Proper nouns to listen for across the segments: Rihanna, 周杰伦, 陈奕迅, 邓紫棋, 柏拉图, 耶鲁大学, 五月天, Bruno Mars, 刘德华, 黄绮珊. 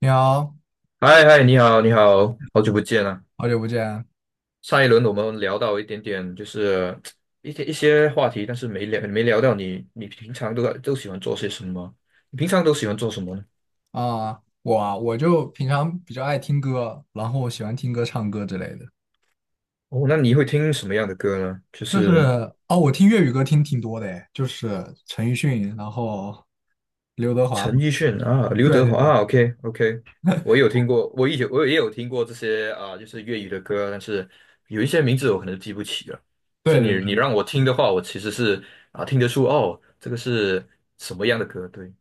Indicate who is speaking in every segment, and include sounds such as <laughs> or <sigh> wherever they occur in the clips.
Speaker 1: 你好，
Speaker 2: 嗨嗨，你好，你好，好久不见啊！
Speaker 1: 好久不见
Speaker 2: 上一轮我们聊到一点点，就是一些话题，但是没聊到你，你平常都喜欢做些什么？你平常都喜欢做什么呢？
Speaker 1: 啊！我就平常比较爱听歌，然后喜欢听歌、唱歌之类的。
Speaker 2: 哦，那你会听什么样的歌呢？就
Speaker 1: 就是
Speaker 2: 是
Speaker 1: 哦，我听粤语歌听挺多的诶，就是陈奕迅，然后刘德华。
Speaker 2: 陈奕迅啊，刘
Speaker 1: 对
Speaker 2: 德
Speaker 1: 对
Speaker 2: 华
Speaker 1: 对
Speaker 2: 啊，OK OK，我有听过，我以前我也有听过这些啊，就是粤语的歌，但是有一些名字我可能记不起了。但是
Speaker 1: 对对对，
Speaker 2: 你让我听的话，我其实是听得出哦，这个是什么样的歌？对。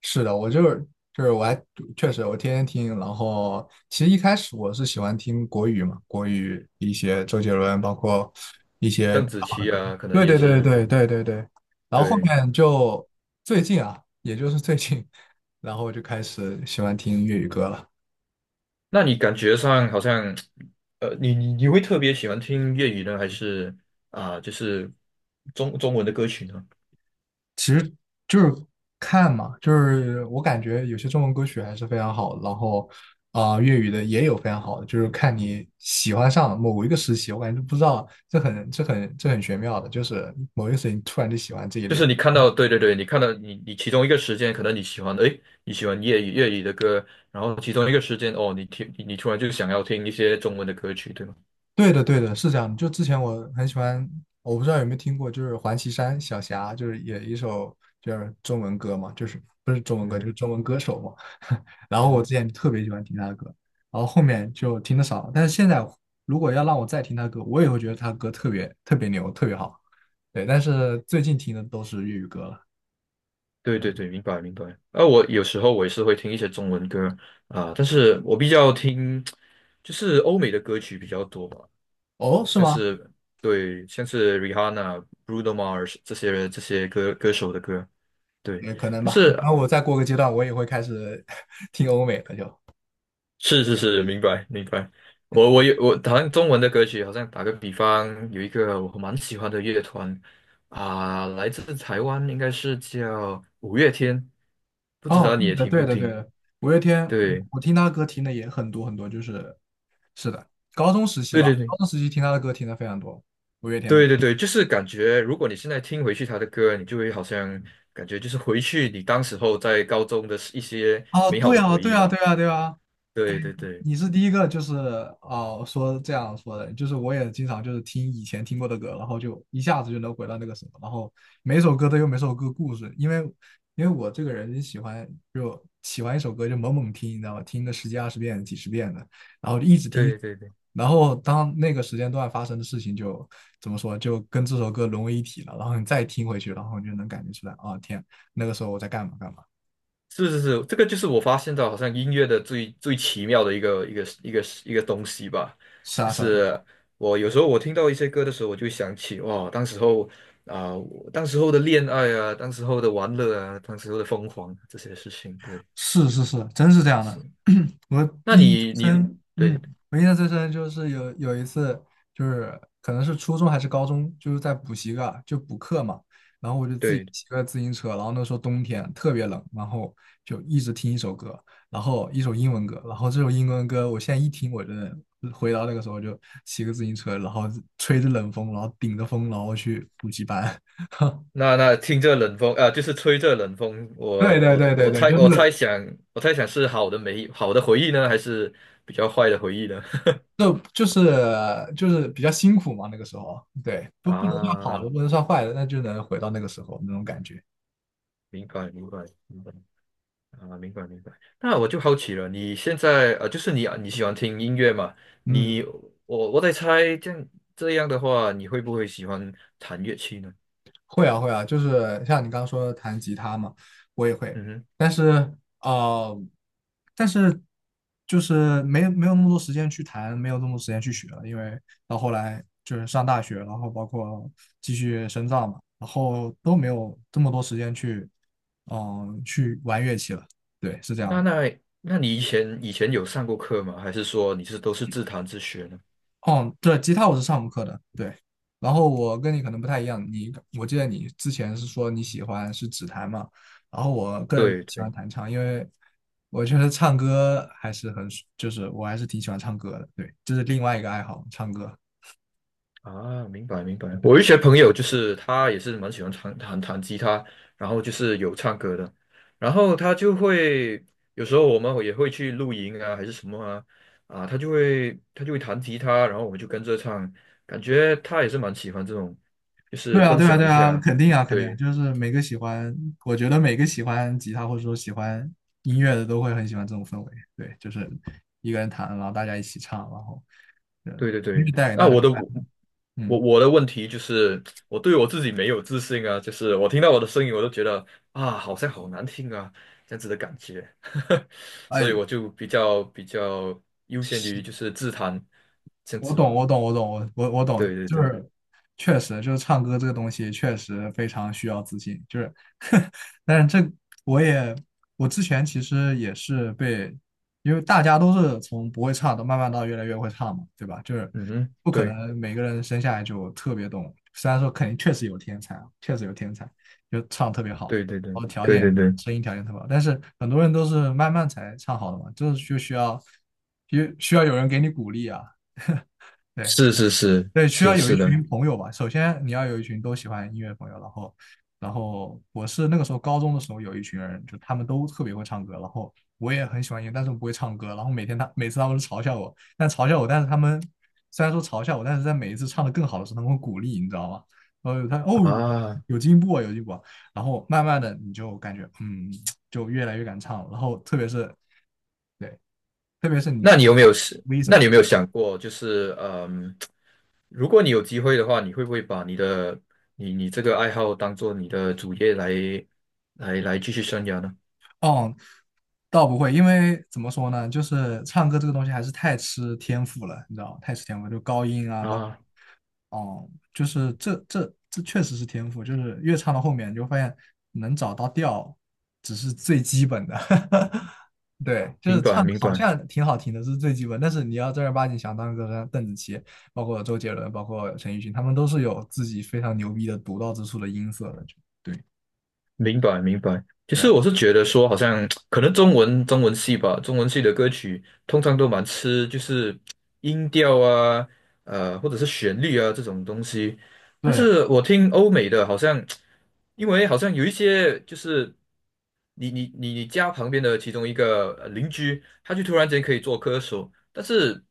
Speaker 1: 是的，我就是就是我还确实我天天听。然后其实一开始我是喜欢听国语嘛，国语一些周杰伦，包括一些。
Speaker 2: 邓紫棋啊，可能
Speaker 1: 对
Speaker 2: 也
Speaker 1: 对对
Speaker 2: 是。
Speaker 1: 对对对对，然后后
Speaker 2: 对，
Speaker 1: 面就最近啊，也就是最近，然后我就开始喜欢听粤语歌了。
Speaker 2: 那你感觉上好像，你会特别喜欢听粤语呢，还是就是中文的歌曲呢？
Speaker 1: 其实就是看嘛，就是我感觉有些中文歌曲还是非常好的，然后粤语的也有非常好的，就是看你喜欢上某一个时期，我感觉不知道这很玄妙的，就是某一个时期你突然就喜欢这一
Speaker 2: 就
Speaker 1: 类。
Speaker 2: 是你看到，对对对，你看到你其中一个时间，可能你喜欢，诶，你喜欢粤语的歌，然后其中一个时间，哦，你听你突然就想要听一些中文的歌曲，对吗？
Speaker 1: 对的，对的，是这样的。就之前我很喜欢，我不知道有没有听过，就是黄绮珊小霞，就是也一首就是中文歌嘛，就是不是中文
Speaker 2: 嗯
Speaker 1: 歌，就是
Speaker 2: 哼，
Speaker 1: 中文歌手嘛。<laughs> 然后
Speaker 2: 嗯
Speaker 1: 我
Speaker 2: 哼，
Speaker 1: 之前特别喜欢听她的歌，然后后面就听的少了。但是现在如果要让我再听她歌，我也会觉得她歌特别特别牛，特别好。对，但是最近听的都是粤语歌了。
Speaker 2: 对对对，明白明白。啊，我有时候我也是会听一些中文歌但是我比较听就是欧美的歌曲比较多吧。
Speaker 1: 哦，是
Speaker 2: 像
Speaker 1: 吗？
Speaker 2: 是对，像是 Rihanna、Bruno Mars 这些人这些歌手的歌，对。
Speaker 1: 也可能
Speaker 2: 但
Speaker 1: 吧，可
Speaker 2: 是
Speaker 1: 能我再过个阶段，我也会开始 <laughs> 听欧美的就。
Speaker 2: 是是是，明白明白。我好像中文的歌曲，好像打个比方，有一个我蛮喜欢的乐团来自台湾，应该是叫五月天，不知
Speaker 1: 哦，
Speaker 2: 道你
Speaker 1: 对
Speaker 2: 也
Speaker 1: 的，
Speaker 2: 听
Speaker 1: 对
Speaker 2: 不
Speaker 1: 的，对
Speaker 2: 听？
Speaker 1: 的，五月天，
Speaker 2: 对
Speaker 1: 我听他的歌听的也很多很多，就是是的，高中时期
Speaker 2: 对
Speaker 1: 吧，
Speaker 2: 对对
Speaker 1: 高中时期听他的歌听的非常多，五月天的。
Speaker 2: 对对对，就是感觉，如果你现在听回去他的歌，你就会好像感觉就是回去你当时候在高中的一些
Speaker 1: 哦，
Speaker 2: 美好
Speaker 1: 对
Speaker 2: 的
Speaker 1: 啊，
Speaker 2: 回
Speaker 1: 对
Speaker 2: 忆
Speaker 1: 啊，
Speaker 2: 嘛。
Speaker 1: 对啊，对啊，
Speaker 2: 对对对
Speaker 1: 你是第一个，就是说这样说的，就是我也经常就是听以前听过的歌，然后就一下子就能回到那个什么，然后每首歌都有每首歌故事，因为我这个人喜欢就喜欢一首歌就猛猛听，你知道吧？听个十几二十遍、几十遍的，然后就一直听，
Speaker 2: 对对对，
Speaker 1: 然后当那个时间段发生的事情就怎么说，就跟这首歌融为一体了，然后你再听回去，然后你就能感觉出来，啊、天，那个时候我在干嘛干嘛，
Speaker 2: 是是是，这个就是我发现到好像音乐的最最奇妙的一个东西吧，
Speaker 1: 是
Speaker 2: 就
Speaker 1: 啊是啊。是啊，
Speaker 2: 是我有时候我听到一些歌的时候，我就想起哇，当时候我当时候的恋爱啊，当时候的玩乐啊，当时候的疯狂啊这些事情，对，
Speaker 1: 是是是，真是这样的。
Speaker 2: 是。
Speaker 1: <clears throat> 我
Speaker 2: 那
Speaker 1: 印象
Speaker 2: 你
Speaker 1: 最
Speaker 2: 你
Speaker 1: 深嗯，
Speaker 2: 对
Speaker 1: 我印象最深就是有一次，就是可能是初中还是高中，就是在补习个就补课嘛，然后我就自己
Speaker 2: 对，
Speaker 1: 骑个自行车，然后那时候冬天特别冷，然后就一直听一首歌，然后一首英文歌，然后这首英文歌我现在一听，我真的回到那个时候就骑个自行车，然后吹着冷风，然后顶着风，然后去补习班。<laughs>
Speaker 2: 那那听这冷风啊、就是吹这冷风，
Speaker 1: 对
Speaker 2: 我
Speaker 1: 对
Speaker 2: 我
Speaker 1: 对对
Speaker 2: 我
Speaker 1: 对，
Speaker 2: 猜
Speaker 1: 就
Speaker 2: 我猜
Speaker 1: 是
Speaker 2: 想我猜想是好的美好的回忆呢，还是比较坏的回忆呢？
Speaker 1: 就就是比较辛苦嘛，那个时候，对，不能算好
Speaker 2: 啊，
Speaker 1: 的，不能算坏的，那就能回到那个时候那种感觉。
Speaker 2: 明白明白明白啊，明白明白。那我就好奇了，你现在就是你啊你喜欢听音乐嘛？
Speaker 1: 嗯，
Speaker 2: 你我在猜，这样这样的话，你会不会喜欢弹乐器呢？
Speaker 1: 会啊会啊，就是像你刚刚说的弹吉他嘛，我也会，
Speaker 2: 嗯哼，
Speaker 1: 但是啊，但是就是没有那么多时间去弹，没有那么多时间去学了，因为到后来就是上大学，然后包括继续深造嘛，然后都没有这么多时间嗯、去玩乐器了。对，是这样
Speaker 2: 那
Speaker 1: 的。
Speaker 2: 那那你以前以前有上过课吗？还是说你是都是自弹自学呢？
Speaker 1: 哦，对，吉他我是上过课的，对。然后我跟你可能不太一样，我记得你之前是说你喜欢是指弹嘛，然后我个人
Speaker 2: 对
Speaker 1: 喜欢
Speaker 2: 对。
Speaker 1: 弹唱，因为我觉得唱歌还是很，就是我还是挺喜欢唱歌的，对，这是另外一个爱好，唱歌。
Speaker 2: 啊，明白明白。
Speaker 1: 对，
Speaker 2: 我有一些朋友就是他也是蛮喜欢弹吉他，然后就是有唱歌的，然后他就会有时候我们也会去露营啊，还是什么啊，啊，他就会他就会弹吉他，然后我们就跟着唱，感觉他也是蛮喜欢这种，就
Speaker 1: 对
Speaker 2: 是
Speaker 1: 啊，
Speaker 2: 分
Speaker 1: 对啊，
Speaker 2: 享
Speaker 1: 对
Speaker 2: 一
Speaker 1: 啊，
Speaker 2: 下，
Speaker 1: 肯定啊，肯定啊
Speaker 2: 对。
Speaker 1: 就是每个喜欢，我觉得每个喜欢吉他或者说喜欢音乐的都会很喜欢这种氛围，对，就是一个人弹，然后大家一起唱，然后，对，
Speaker 2: 对对
Speaker 1: 音乐
Speaker 2: 对，
Speaker 1: 带给
Speaker 2: 那
Speaker 1: 大家
Speaker 2: 我的
Speaker 1: 快乐，
Speaker 2: 我
Speaker 1: 嗯。
Speaker 2: 我的问题就是，我对我自己没有自信啊，就是我听到我的声音，我都觉得啊，好像好难听啊，这样子的感觉，<laughs> 所以
Speaker 1: 哎，
Speaker 2: 我就比较优先于
Speaker 1: 是，
Speaker 2: 就是自弹这样
Speaker 1: 我
Speaker 2: 子
Speaker 1: 懂，
Speaker 2: 吧。
Speaker 1: 我懂，我懂，我我我懂，
Speaker 2: 对对
Speaker 1: 就
Speaker 2: 对，
Speaker 1: 是确实就是唱歌这个东西确实非常需要自信，就是，<laughs> 但是这我也我之前其实也是被，因为大家都是从不会唱到慢慢到越来越会唱嘛，对吧？就是
Speaker 2: 嗯哼，
Speaker 1: 不可
Speaker 2: 对
Speaker 1: 能每个人生下来就特别懂，虽然说肯定确实有天才啊，确实有天才，就唱特别好，
Speaker 2: 对对对
Speaker 1: 然后条
Speaker 2: 对
Speaker 1: 件
Speaker 2: 对对，
Speaker 1: 声音条件特别好，但是很多人都是慢慢才唱好的嘛，就是就需要需需要有人给你鼓励啊。对，
Speaker 2: 是是是
Speaker 1: 对，需
Speaker 2: 是
Speaker 1: 要有一
Speaker 2: 是的
Speaker 1: 群朋友吧。首先你要有一群都喜欢音乐的朋友，然后，我是那个时候高中的时候有一群人，就他们都特别会唱歌，然后我也很喜欢音乐，但是我不会唱歌。然后每次他们都嘲笑我，但嘲笑我，但是他们虽然说嘲笑我，但是在每一次唱的更好的时候，他们会鼓励，你知道吗？然后有
Speaker 2: 啊。
Speaker 1: 有进步啊，有进步啊。然后慢慢的你就感觉嗯，就越来越敢唱了。然后特别是对，特别是你
Speaker 2: 那你
Speaker 1: 去
Speaker 2: 有没有是？
Speaker 1: V 什
Speaker 2: 那
Speaker 1: 么。
Speaker 2: 你有没有想过，就是嗯，如果你有机会的话，你会不会把你的你这个爱好当做你的主业来继续生涯呢？
Speaker 1: 哦，倒不会，因为怎么说呢，就是唱歌这个东西还是太吃天赋了，你知道吗，太吃天赋，就高音啊，
Speaker 2: 啊，
Speaker 1: 哦，就是这确实是天赋，就是越唱到后面，你就发现能找到调只是最基本的，<laughs> 对，就
Speaker 2: 明
Speaker 1: 是唱
Speaker 2: 白
Speaker 1: 得
Speaker 2: 明
Speaker 1: 好
Speaker 2: 白。
Speaker 1: 像挺好听的，这是最基本，但是你要正儿八经想当个像邓紫棋，包括周杰伦，包括陈奕迅，他们都是有自己非常牛逼的独到之处的音色的，就对，
Speaker 2: 明白明白。其
Speaker 1: 对
Speaker 2: 实
Speaker 1: 啊。
Speaker 2: 我是觉得说，好像可能中文系吧，中文系的歌曲通常都蛮吃就是音调啊，呃，或者是旋律啊这种东西。但
Speaker 1: 对，
Speaker 2: 是我听欧美的，好像因为好像有一些就是你家旁边的其中一个邻居，他就突然间可以做歌手，但是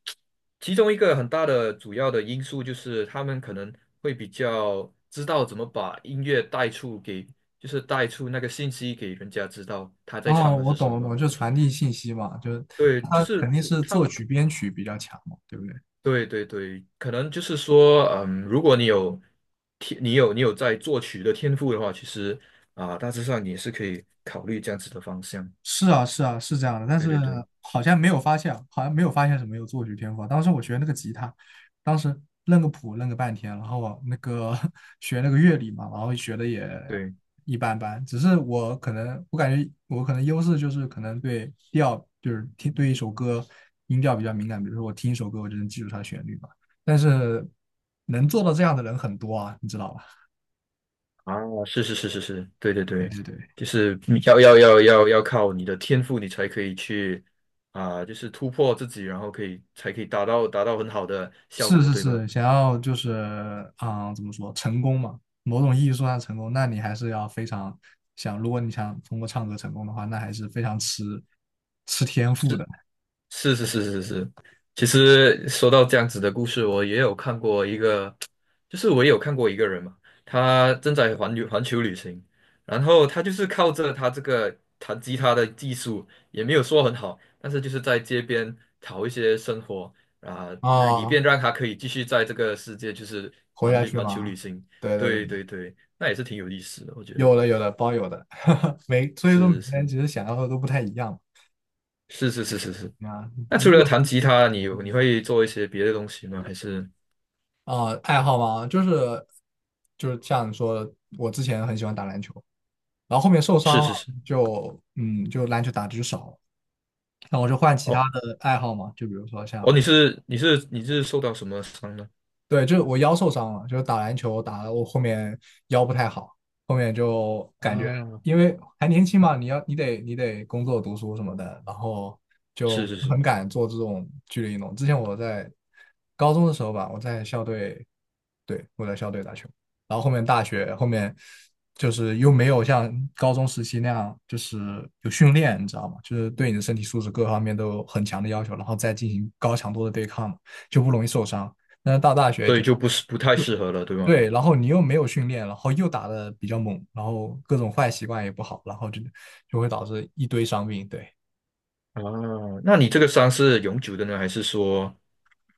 Speaker 2: 其中一个很大的主要的因素就是他们可能会比较知道怎么把音乐带出给。就是带出那个信息给人家知道他在
Speaker 1: 哦，
Speaker 2: 唱的
Speaker 1: 我
Speaker 2: 是
Speaker 1: 懂
Speaker 2: 什
Speaker 1: 了，我
Speaker 2: 么。
Speaker 1: 懂就传递信息嘛，就是
Speaker 2: 对，就
Speaker 1: 他肯
Speaker 2: 是
Speaker 1: 定是
Speaker 2: 他，
Speaker 1: 作曲编曲比较强嘛，对不对？
Speaker 2: 对对对，可能就是说，嗯，如果你有天，你有在作曲的天赋的话，其实啊，大致上你也是可以考虑这样子的方向。
Speaker 1: 是啊，是啊，是这样的，但
Speaker 2: 对
Speaker 1: 是
Speaker 2: 对对
Speaker 1: 好像没有发现，好像没有发现什么有作曲天赋啊。当时我学那个吉他，当时认个谱认个半天，然后我那个 <laughs> 学那个乐理嘛，然后学的也
Speaker 2: 对，
Speaker 1: 一般般。只是我可能，我感觉我可能优势就是可能对调，就是听对一首歌音调比较敏感。比如说我听一首歌，我就能记住它的旋律嘛。但是能做到这样的人很多啊，你知道吧？
Speaker 2: 啊，是是是是是，对对
Speaker 1: 对
Speaker 2: 对，
Speaker 1: 对对，
Speaker 2: 就是你要靠你的天赋，你才可以去啊，就是突破自己，然后才可以达到很好的效
Speaker 1: 是
Speaker 2: 果，
Speaker 1: 是
Speaker 2: 对吧？
Speaker 1: 是，想要就是啊，怎么说成功嘛？某种意义说上成功，那你还是要非常想，如果你想通过唱歌成功的话，那还是非常吃天赋的
Speaker 2: 是是是是是，其实说到这样子的故事，我也有看过一个，就是我也有看过一个人嘛，他正在环球旅行，然后他就是靠着他这个弹吉他的技术，也没有说很好，但是就是在街边讨一些生活啊，以
Speaker 1: 啊。
Speaker 2: 便让他可以继续在这个世界就是
Speaker 1: 活
Speaker 2: 环
Speaker 1: 下
Speaker 2: 旅
Speaker 1: 去
Speaker 2: 环球旅
Speaker 1: 嘛，
Speaker 2: 行。
Speaker 1: 对对
Speaker 2: 对
Speaker 1: 对，
Speaker 2: 对对，那也是挺有意思的，我觉得
Speaker 1: 有的，<laughs> 所以说每
Speaker 2: 是
Speaker 1: 天
Speaker 2: 是
Speaker 1: 其实想要的都不太一样
Speaker 2: 是是是是是。
Speaker 1: 嘛啊。
Speaker 2: 那
Speaker 1: 如
Speaker 2: 除了
Speaker 1: 果
Speaker 2: 弹吉他，你有你会做一些别的东西吗？还是？
Speaker 1: 啊、呃爱好嘛，就是像你说的，我之前很喜欢打篮球。然后后面受
Speaker 2: 是
Speaker 1: 伤了，
Speaker 2: 是是，
Speaker 1: 就篮球打的就少了，那我就换其他
Speaker 2: 哦
Speaker 1: 的爱好嘛，就比如说
Speaker 2: 哦，
Speaker 1: 像，
Speaker 2: 你是受到什么伤呢？
Speaker 1: 对，就是我腰受伤了，就是打篮球打的我后面腰不太好，后面就感觉
Speaker 2: 啊，
Speaker 1: 因为还年轻嘛，你得工作读书什么的，然后
Speaker 2: 是
Speaker 1: 就
Speaker 2: 是
Speaker 1: 很
Speaker 2: 是，
Speaker 1: 敢做这种剧烈运动。之前我在高中的时候吧，我在校队。对，我在校队打球。然后后面大学后面就是又没有像高中时期那样，就是有训练，你知道吗？就是对你的身体素质各方面都有很强的要求，然后再进行高强度的对抗嘛，就不容易受伤。但是到大学
Speaker 2: 所以
Speaker 1: 就
Speaker 2: 就不是不太适合了，对吗？
Speaker 1: 对，然后你又没有训练，然后又打的比较猛，然后各种坏习惯也不好，然后就会导致一堆伤病。对，
Speaker 2: 啊，那你这个伤是永久的呢，还是说，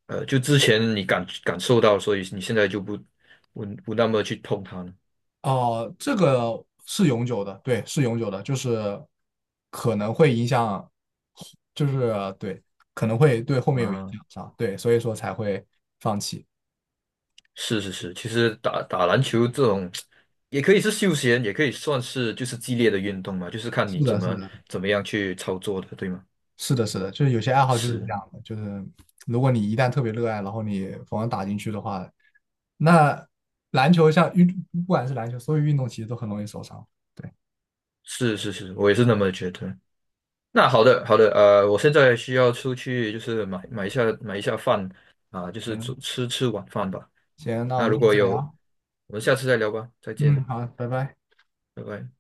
Speaker 2: 呃，就之前你感感受到，所以你现在就不那么去碰它呢？
Speaker 1: 哦，这个是永久的，对，是永久的，就是可能会影响，就是对，可能会对后面有影
Speaker 2: 啊，
Speaker 1: 响上，对，所以说才会放弃。
Speaker 2: 是是是，其实打篮球这种也可以是休闲，也可以算是就是激烈的运动嘛，就是看你
Speaker 1: 是
Speaker 2: 怎
Speaker 1: 的，是
Speaker 2: 么
Speaker 1: 的，
Speaker 2: 怎么样去操作的，对吗？
Speaker 1: 是的，是的，就是有些爱好就是这
Speaker 2: 是
Speaker 1: 样的，就是如果你一旦特别热爱，然后你疯狂打进去的话，那篮球像运，不管是篮球，所有运动其实都很容易受伤。对，
Speaker 2: 是是是，我也是那么觉得。那好的，好的，呃，我现在需要出去，就是买一下饭啊，就是吃
Speaker 1: 行，
Speaker 2: 吃吃晚饭吧。
Speaker 1: 行，那我
Speaker 2: 那
Speaker 1: 们
Speaker 2: 如
Speaker 1: 下
Speaker 2: 果
Speaker 1: 次再
Speaker 2: 有，
Speaker 1: 聊。
Speaker 2: 我们下次再聊吧，再
Speaker 1: 嗯，
Speaker 2: 见，
Speaker 1: 好，拜拜。
Speaker 2: 拜拜。